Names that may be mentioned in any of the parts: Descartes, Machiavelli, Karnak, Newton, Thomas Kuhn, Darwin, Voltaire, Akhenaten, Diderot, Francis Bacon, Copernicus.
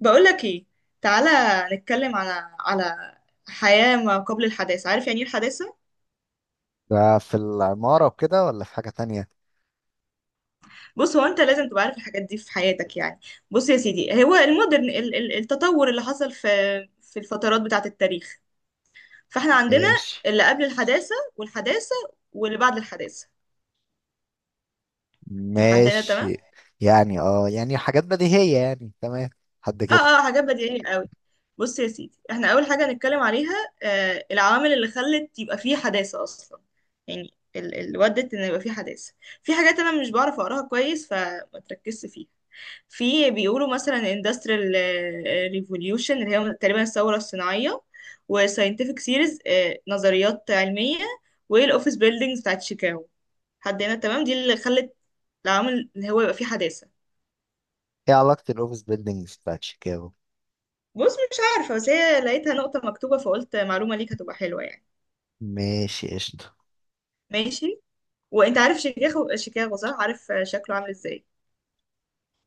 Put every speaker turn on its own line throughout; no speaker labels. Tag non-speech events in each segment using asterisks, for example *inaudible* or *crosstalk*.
بقولك ايه، تعالى نتكلم على حياة ما قبل الحداثة. عارف يعني ايه الحداثة؟
ده في العمارة وكده ولا في حاجة تانية؟
بص هو انت لازم تبقى عارف الحاجات دي في حياتك يعني. بص يا سيدي، هو المودرن التطور اللي حصل في في الفترات بتاعة التاريخ. فاحنا عندنا
ماشي.
اللي قبل الحداثة والحداثة واللي بعد الحداثة. لحد هنا تمام؟
ماشي. يعني يعني حاجات بديهية يعني تمام. حد
اه
كده.
اه، حاجات بديهية قوي. بص يا سيدي، احنا اول حاجه هنتكلم عليها العوامل اللي خلت يبقى فيه حداثه اصلا. يعني اللي ودت ان يبقى فيه حداثه. في حاجات انا مش بعرف اقراها كويس فما تركزش فيها. في بيقولوا مثلا industrial revolution اللي هي تقريبا الثوره الصناعيه، وساينتفك سيريز، نظريات علميه، والاوفيس بيلدينجز بتاعت شيكاغو. حد هنا تمام؟ دي اللي خلت العوامل ان هو يبقى فيه حداثه.
ايه علاقة الاوفيس بيلدينجز بتاعت شيكاغو؟
بص مش عارفه، بس هي لقيتها نقطه مكتوبه فقلت معلومه ليك هتبقى حلوه يعني.
ماشي قشطة.
ماشي. وانت عارف شيكاغو؟ شيكاغو، صح؟ عارف شكله عامل ازاي؟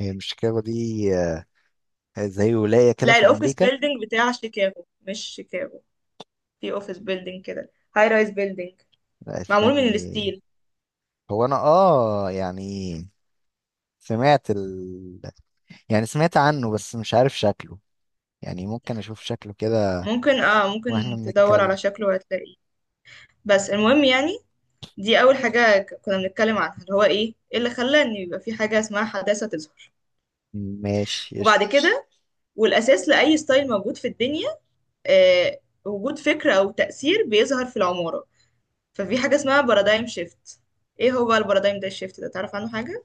هي مش شيكاغو دي؟ آه، زي ولاية كده
لا،
في
الاوفيس
أمريكا.
بيلدينج بتاع شيكاغو مش شيكاغو. في اوفيس بيلدينج كده، هاي رايز بيلدينج،
لا،
معمول من
استني.
الستيل.
هو أنا يعني سمعت ال يعني سمعت عنه بس مش عارف شكله. يعني ممكن أشوف شكله كده
ممكن، اه ممكن
وإحنا
تدور
بنتكلم.
على شكله وهتلاقيه. بس المهم يعني، دي اول حاجة كنا بنتكلم عنها، اللي هو إيه اللي خلى ان يبقى في حاجة اسمها حداثة تظهر.
ماشي
وبعد
قشطة.
كده، والاساس لاي ستايل موجود في الدنيا، آه وجود فكرة او تأثير بيظهر في العمارة، ففي حاجة اسمها بارادايم شيفت. ايه هو البارادايم ده، الشيفت ده تعرف عنه حاجة؟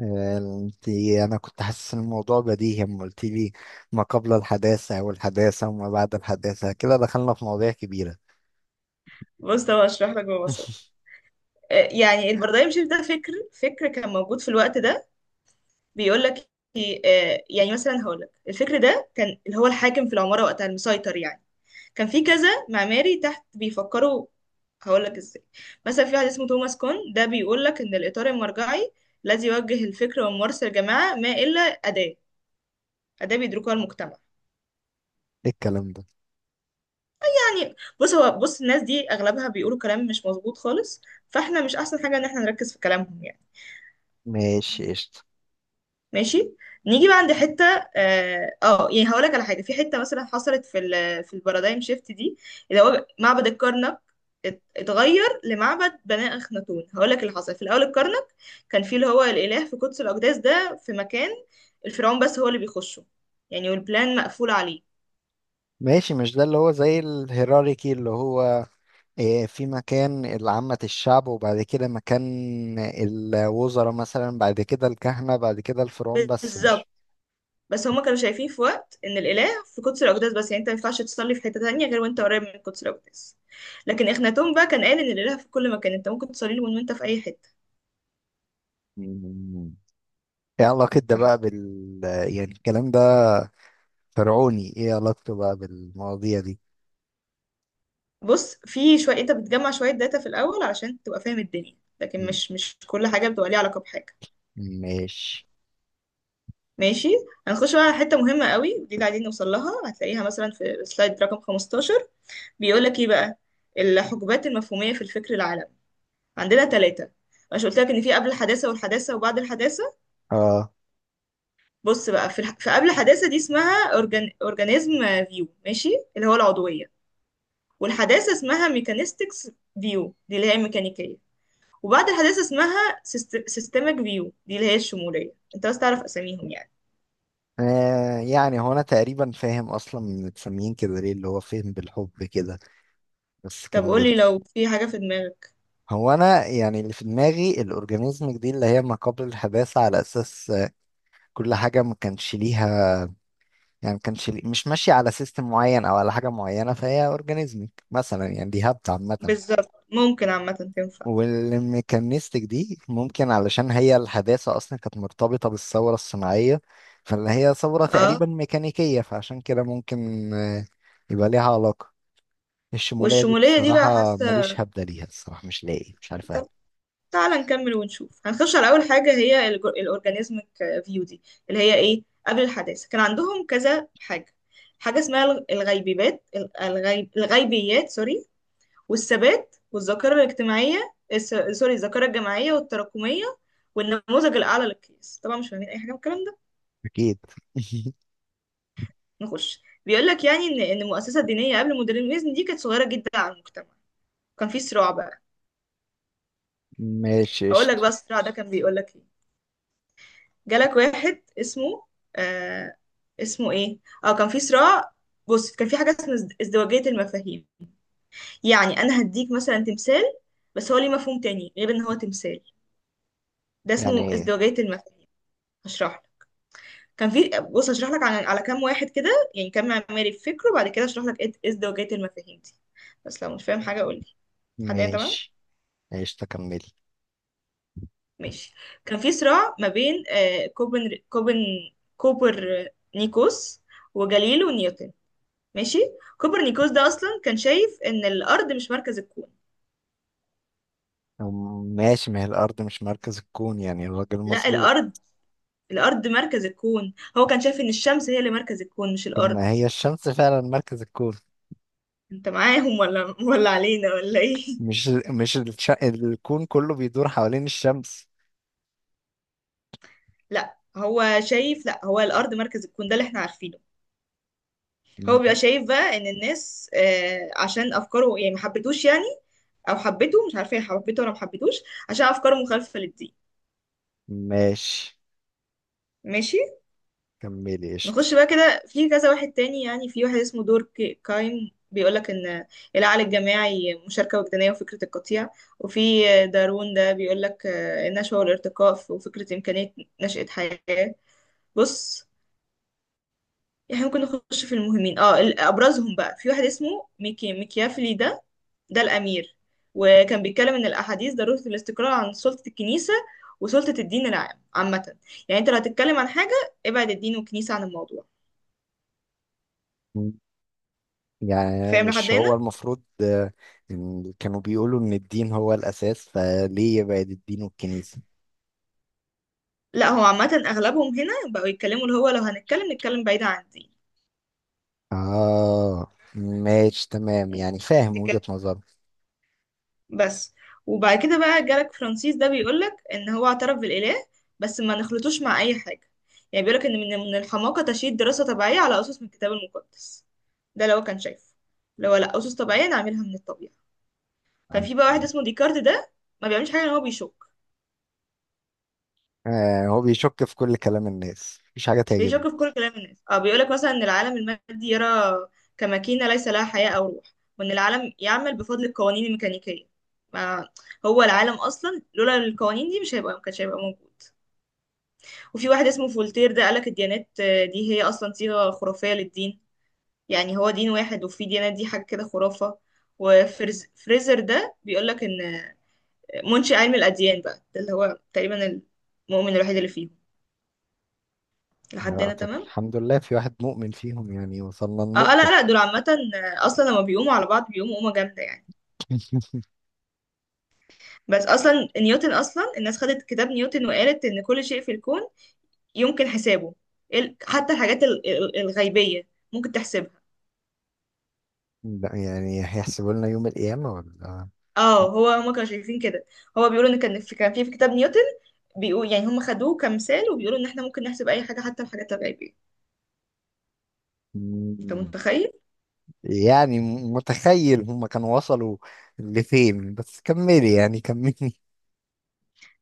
انا كنت حاسس ان الموضوع بديهي، اما قلت لي ما قبل الحداثة والحداثة وما بعد الحداثة كده دخلنا في مواضيع كبيرة.
بص طب اشرح لك ببساطه.
*laughs*
يعني البارادايم شيفت ده فكر كان موجود في الوقت ده. بيقول لك إيه، آه، يعني مثلا هقول لك الفكر ده كان اللي هو الحاكم في العماره وقتها المسيطر يعني. كان في كذا معماري تحت بيفكروا. هقول لك ازاي. مثلا في واحد اسمه توماس كون، ده بيقول لك ان الاطار المرجعي الذي يوجه الفكر وممارسه الجماعه ما الا اداه، اداه بيدركها المجتمع.
ايه الكلام ده؟
يعني، بص هو، بص الناس دي اغلبها بيقولوا كلام مش مظبوط خالص، فاحنا مش احسن حاجه ان احنا نركز في كلامهم يعني.
ماشي قشطة.
ماشي. نيجي بقى عند حته. يعني هقول لك على حاجه في حته مثلا حصلت في ال في البارادايم شيفت دي، اللي هو معبد الكرنك اتغير لمعبد بني اخناتون. هقول لك اللي حصل. في الاول الكرنك كان فيه اللي هو الاله في قدس الاقداس، ده في مكان الفرعون بس هو اللي بيخشه يعني، والبلان مقفول عليه.
ماشي. مش ده اللي هو زي الهيراركي اللي هو في مكان العامة الشعب وبعد كده مكان الوزراء مثلا بعد كده الكهنة بعد كده الفرعون بس مش.
بالظبط، بس هما كانوا شايفين في وقت ان الاله في قدس الاقداس بس، يعني انت ما ينفعش تصلي في حته تانية غير وانت قريب من قدس الاقداس. لكن اخناتون بقى كان قال ان الاله في كل مكان، انت ممكن تصلي له من وانت في اي حته.
*laughs* مم. ايه علاقة ده
ده
بقى
حقيقي.
يعني الكلام ده فرعوني؟ ايه علاقته بقى بالمواضيع دي؟
بص في شوية انت بتجمع شوية داتا في الأول علشان تبقى فاهم الدنيا، لكن
مم.
مش مش كل حاجة بتبقى ليها علاقة بحاجة.
ماشي.
ماشي. هنخش بقى على حتة مهمة قوي، ودي اللي قاعدين نوصل لها، هتلاقيها مثلا في سلايد رقم 15. بيقول لك ايه بقى؟ الحقبات المفهومية في الفكر العالمي عندنا ثلاثة. مش قلت لك ان في قبل الحداثة والحداثة وبعد الحداثة.
اه
بص بقى، في قبل الحداثة دي اسمها اورجانيزم فيو، ماشي، اللي هو العضوية. والحداثة اسمها ميكانيستكس فيو، دي اللي هي الميكانيكية. وبعد الحداثة اسمها سيستمك فيو، دي اللي هي الشمولية. انت بس تعرف اساميهم يعني.
يعني هو انا تقريبا فاهم اصلا متسميين كده ليه، اللي هو فهم بالحب كده. بس
طب
كملي.
قولي لو في حاجة في دماغك.
هو انا يعني اللي في دماغي الاورجانيزمك دي اللي هي ما قبل الحداثه، على اساس كل حاجه ما كانش ليها، يعني ما كانش لي- مش ماشيه على سيستم معين او على حاجه معينه، فهي اورجانيزمك مثلا، يعني دي هبت عامه.
بالظبط، ممكن عامة تنفع.
والميكانيستك دي ممكن علشان هي الحداثة أصلا كانت مرتبطة بالثورة الصناعية، فاللي هي ثورة
اه،
تقريبا ميكانيكية، فعشان كده ممكن يبقى ليها علاقة. الشمولية دي
والشمولية دي بقى
بصراحة
حاسة.
ماليش هبدة ليها الصراحة، مش لاقي، مش عارف أهبد.
طب تعالى نكمل ونشوف. هنخش على أول حاجة، هي الأورجانيزمك فيو دي، اللي هي ايه؟ قبل الحداثة كان عندهم كذا حاجة. حاجة اسمها الغيبيبات الغيب الغيبيات، سوري، والثبات والذاكرة سوري، الذاكرة الجماعية والتراكمية، والنموذج الأعلى للقياس. طبعا مش فاهمين أي حاجة من الكلام ده.
أكيد. *laughs*
نخش. بيقول لك يعني إن المؤسسة الدينية قبل المودرنيزم دي كانت صغيرة جدا على المجتمع. كان في صراع بقى.
ماشي
هقول لك
قشطة.
بقى الصراع ده كان بيقول لك إيه. جالك واحد اسمه آه اسمه إيه أه كان في صراع. بص كان في حاجة اسمها ازدواجية المفاهيم. يعني أنا هديك مثلا تمثال، بس هو ليه مفهوم تاني غير إن هو تمثال، ده اسمه
يعني
ازدواجية المفاهيم. هشرحه. كان في، بص اشرح لك على كام واحد كده، يعني كام معماري في فكره، وبعد كده اشرح لك ايه ازدواجية المفاهيم دي. بس لو مش فاهم حاجه قول لي. لحد هنا تمام.
ماشي قشطة كملي.
ماشي. كان في صراع ما بين آه، كوبن كوبن كوبر نيكوس وجاليليو نيوتن. ماشي. كوبرنيكوس ده اصلا كان شايف ان الارض مش مركز الكون.
أم- ماشي، ما هي الأرض مش مركز الكون، يعني الراجل
لا
مظبوط.
الارض الارض مركز الكون، هو كان شايف ان الشمس هي اللي مركز الكون مش
طب
الارض.
ما هي الشمس فعلا مركز الكون؟
انت معاهم ولا علينا ولا ايه؟
مش مش الش... الكون كله بيدور حوالين الشمس.
لا هو شايف، لا هو الارض مركز الكون، ده اللي احنا عارفينه. هو بيبقى
م-
شايف بقى ان الناس عشان افكاره، يعني ما حبتوش يعني، او حبته، مش عارفه هي حبته ولا ما حبتوش، عشان افكاره مخالفه للدين.
ماشي،
ماشي.
كملي قشطة.
نخش بقى كده في كذا واحد تاني. يعني في واحد اسمه دور كايم، بيقولك ان العقل الجماعي مشاركة وجدانية وفكرة القطيع. وفي دارون، ده بيقولك النشوة والارتقاء وفكرة إمكانية نشأة حياة. بص احنا ممكن نخش في المهمين. اه ابرزهم بقى، في واحد اسمه ميكيافيلي، ده ده الامير. وكان بيتكلم ان الاحاديث ضروره الاستقراء عن سلطه الكنيسه وسلطه الدين، العام عامه. يعني انت لو هتتكلم عن حاجه ابعد الدين والكنيسه عن الموضوع.
م- يعني
فاهم لحد
مش هو
هنا؟
المفروض إن كانوا بيقولوا إن الدين هو الأساس، فليه يبعد الدين والكنيسة؟
لا هو عامه اغلبهم هنا بقوا يتكلموا، اللي هو لو هنتكلم نتكلم بعيد عن
آه، ماشي تمام، يعني فاهم
الدين
وجهة نظره.
بس. وبعد كده بقى جالك فرانسيس، ده بيقولك ان هو اعترف بالاله بس ما نخلطوش مع اي حاجه. يعني بيقولك ان من الحماقه تشييد دراسه طبيعيه على اسس من الكتاب المقدس. ده لو كان شايف، لو لا اسس طبيعيه نعملها من الطبيعه. كان في بقى واحد اسمه ديكارت، ده ما بيعملش حاجه ان هو بيشك،
آه، هو بيشك في كل كلام الناس، مفيش حاجة
بيشك
تعجبني.
في كل كلام الناس. اه بيقولك مثلا ان العالم المادي يرى كماكينه ليس لها حياه او روح، وان العالم يعمل بفضل القوانين الميكانيكيه. ما هو العالم اصلا لولا القوانين دي مش هيبقى، ما كانش هيبقى موجود. وفي واحد اسمه فولتير، ده قالك الديانات دي هي أصلا صيغة خرافية للدين. يعني هو دين واحد، وفي ديانات، دي حاجة كده خرافة. وفريزر ده بيقولك إن منشئ علم الأديان بقى، ده اللي هو تقريبا المؤمن الوحيد اللي فيهم. لحد
آه،
هنا
طب
تمام.
الحمد لله في واحد مؤمن فيهم، يعني وصلنا النقطة.
لا لا، دول عامة. أصلا لما بيقوموا على بعض بيقوموا قومة جامدة يعني. بس أصلا نيوتن، أصلا الناس خدت كتاب نيوتن وقالت إن كل شيء في الكون يمكن حسابه. حتى الحاجات الغيبية ممكن تحسبها.
لا، يعني هيحسبوا لنا يوم القيامة ولا؟
اه هو هما كانوا شايفين كده. هو بيقولوا ان كان في، كان في، في كتاب نيوتن بيقول، يعني هم خدوه كمثال وبيقولوا ان احنا ممكن نحسب اي حاجه حتى الحاجات الغيبيه. انت
مم.
متخيل.
يعني متخيل هما كانوا وصلوا لفين؟ بس كملي يعني كملي.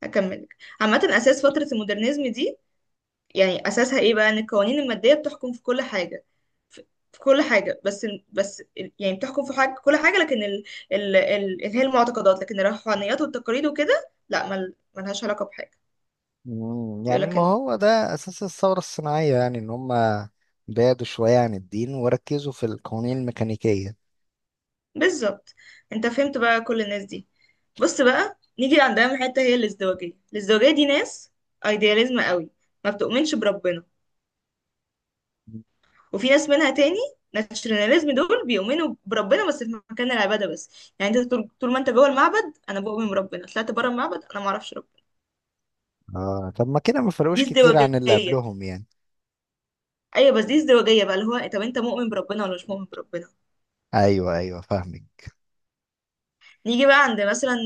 هكمل لك. عامه اساس فتره المودرنزم دي، يعني اساسها ايه بقى؟ ان القوانين الماديه بتحكم في كل حاجه، في في كل حاجه. بس يعني بتحكم في حاجه كل حاجه، لكن ال ال ال اللي هي المعتقدات لكن الروحانيات والتقاليد وكده لا، ملهاش علاقه بحاجه.
مم،
بيقول
يعني
لك
ما
ان،
هو ده أساس الثورة الصناعية، يعني إن هما بعدوا شوية عن الدين وركزوا في القوانين الميكانيكية.
بالظبط. انت فهمت بقى كل الناس دي. بص بقى نيجي عند اهم حته، هي الازدواجيه. الازدواجيه دي ناس ايدياليزم قوي، ما بتؤمنش بربنا. وفي ناس منها تاني ناتشناليزم، دول بيؤمنوا بربنا بس في مكان العباده بس. يعني انت طول ما انت جوه المعبد انا بؤمن بربنا، طلعت بره المعبد انا ما اعرفش ربنا.
آه، طب ما كده ما
دي
فرقوش كتير عن اللي
ازدواجيه.
قبلهم يعني.
ايوه، بس دي ازدواجيه بقى، اللي هو طب انت مؤمن بربنا ولا مش مؤمن بربنا.
أيوه، أيوه، فاهمك.
نيجي بقى عند مثلا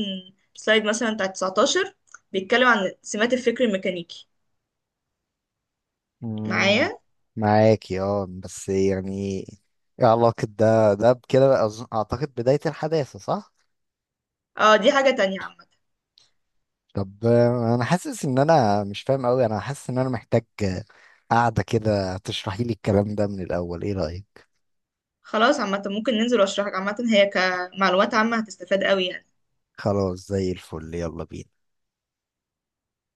سلايد مثلا بتاع 19، بيتكلم عن سمات الفكر الميكانيكي.
مم،
معايا؟
معاكي بس يعني إيه علاقة ده بكده، أعتقد بداية الحداثة، صح؟
اه دي حاجة تانية عامة.
طب انا حاسس ان انا مش فاهم قوي، انا حاسس ان انا محتاج قعدة كده تشرحي لي الكلام ده من الاول، ايه رأيك؟
خلاص عامة ممكن ننزل واشرحك عامة، هي كمعلومات عامة هتستفاد قوي يعني.
خلاص، زي الفل، يلا بينا.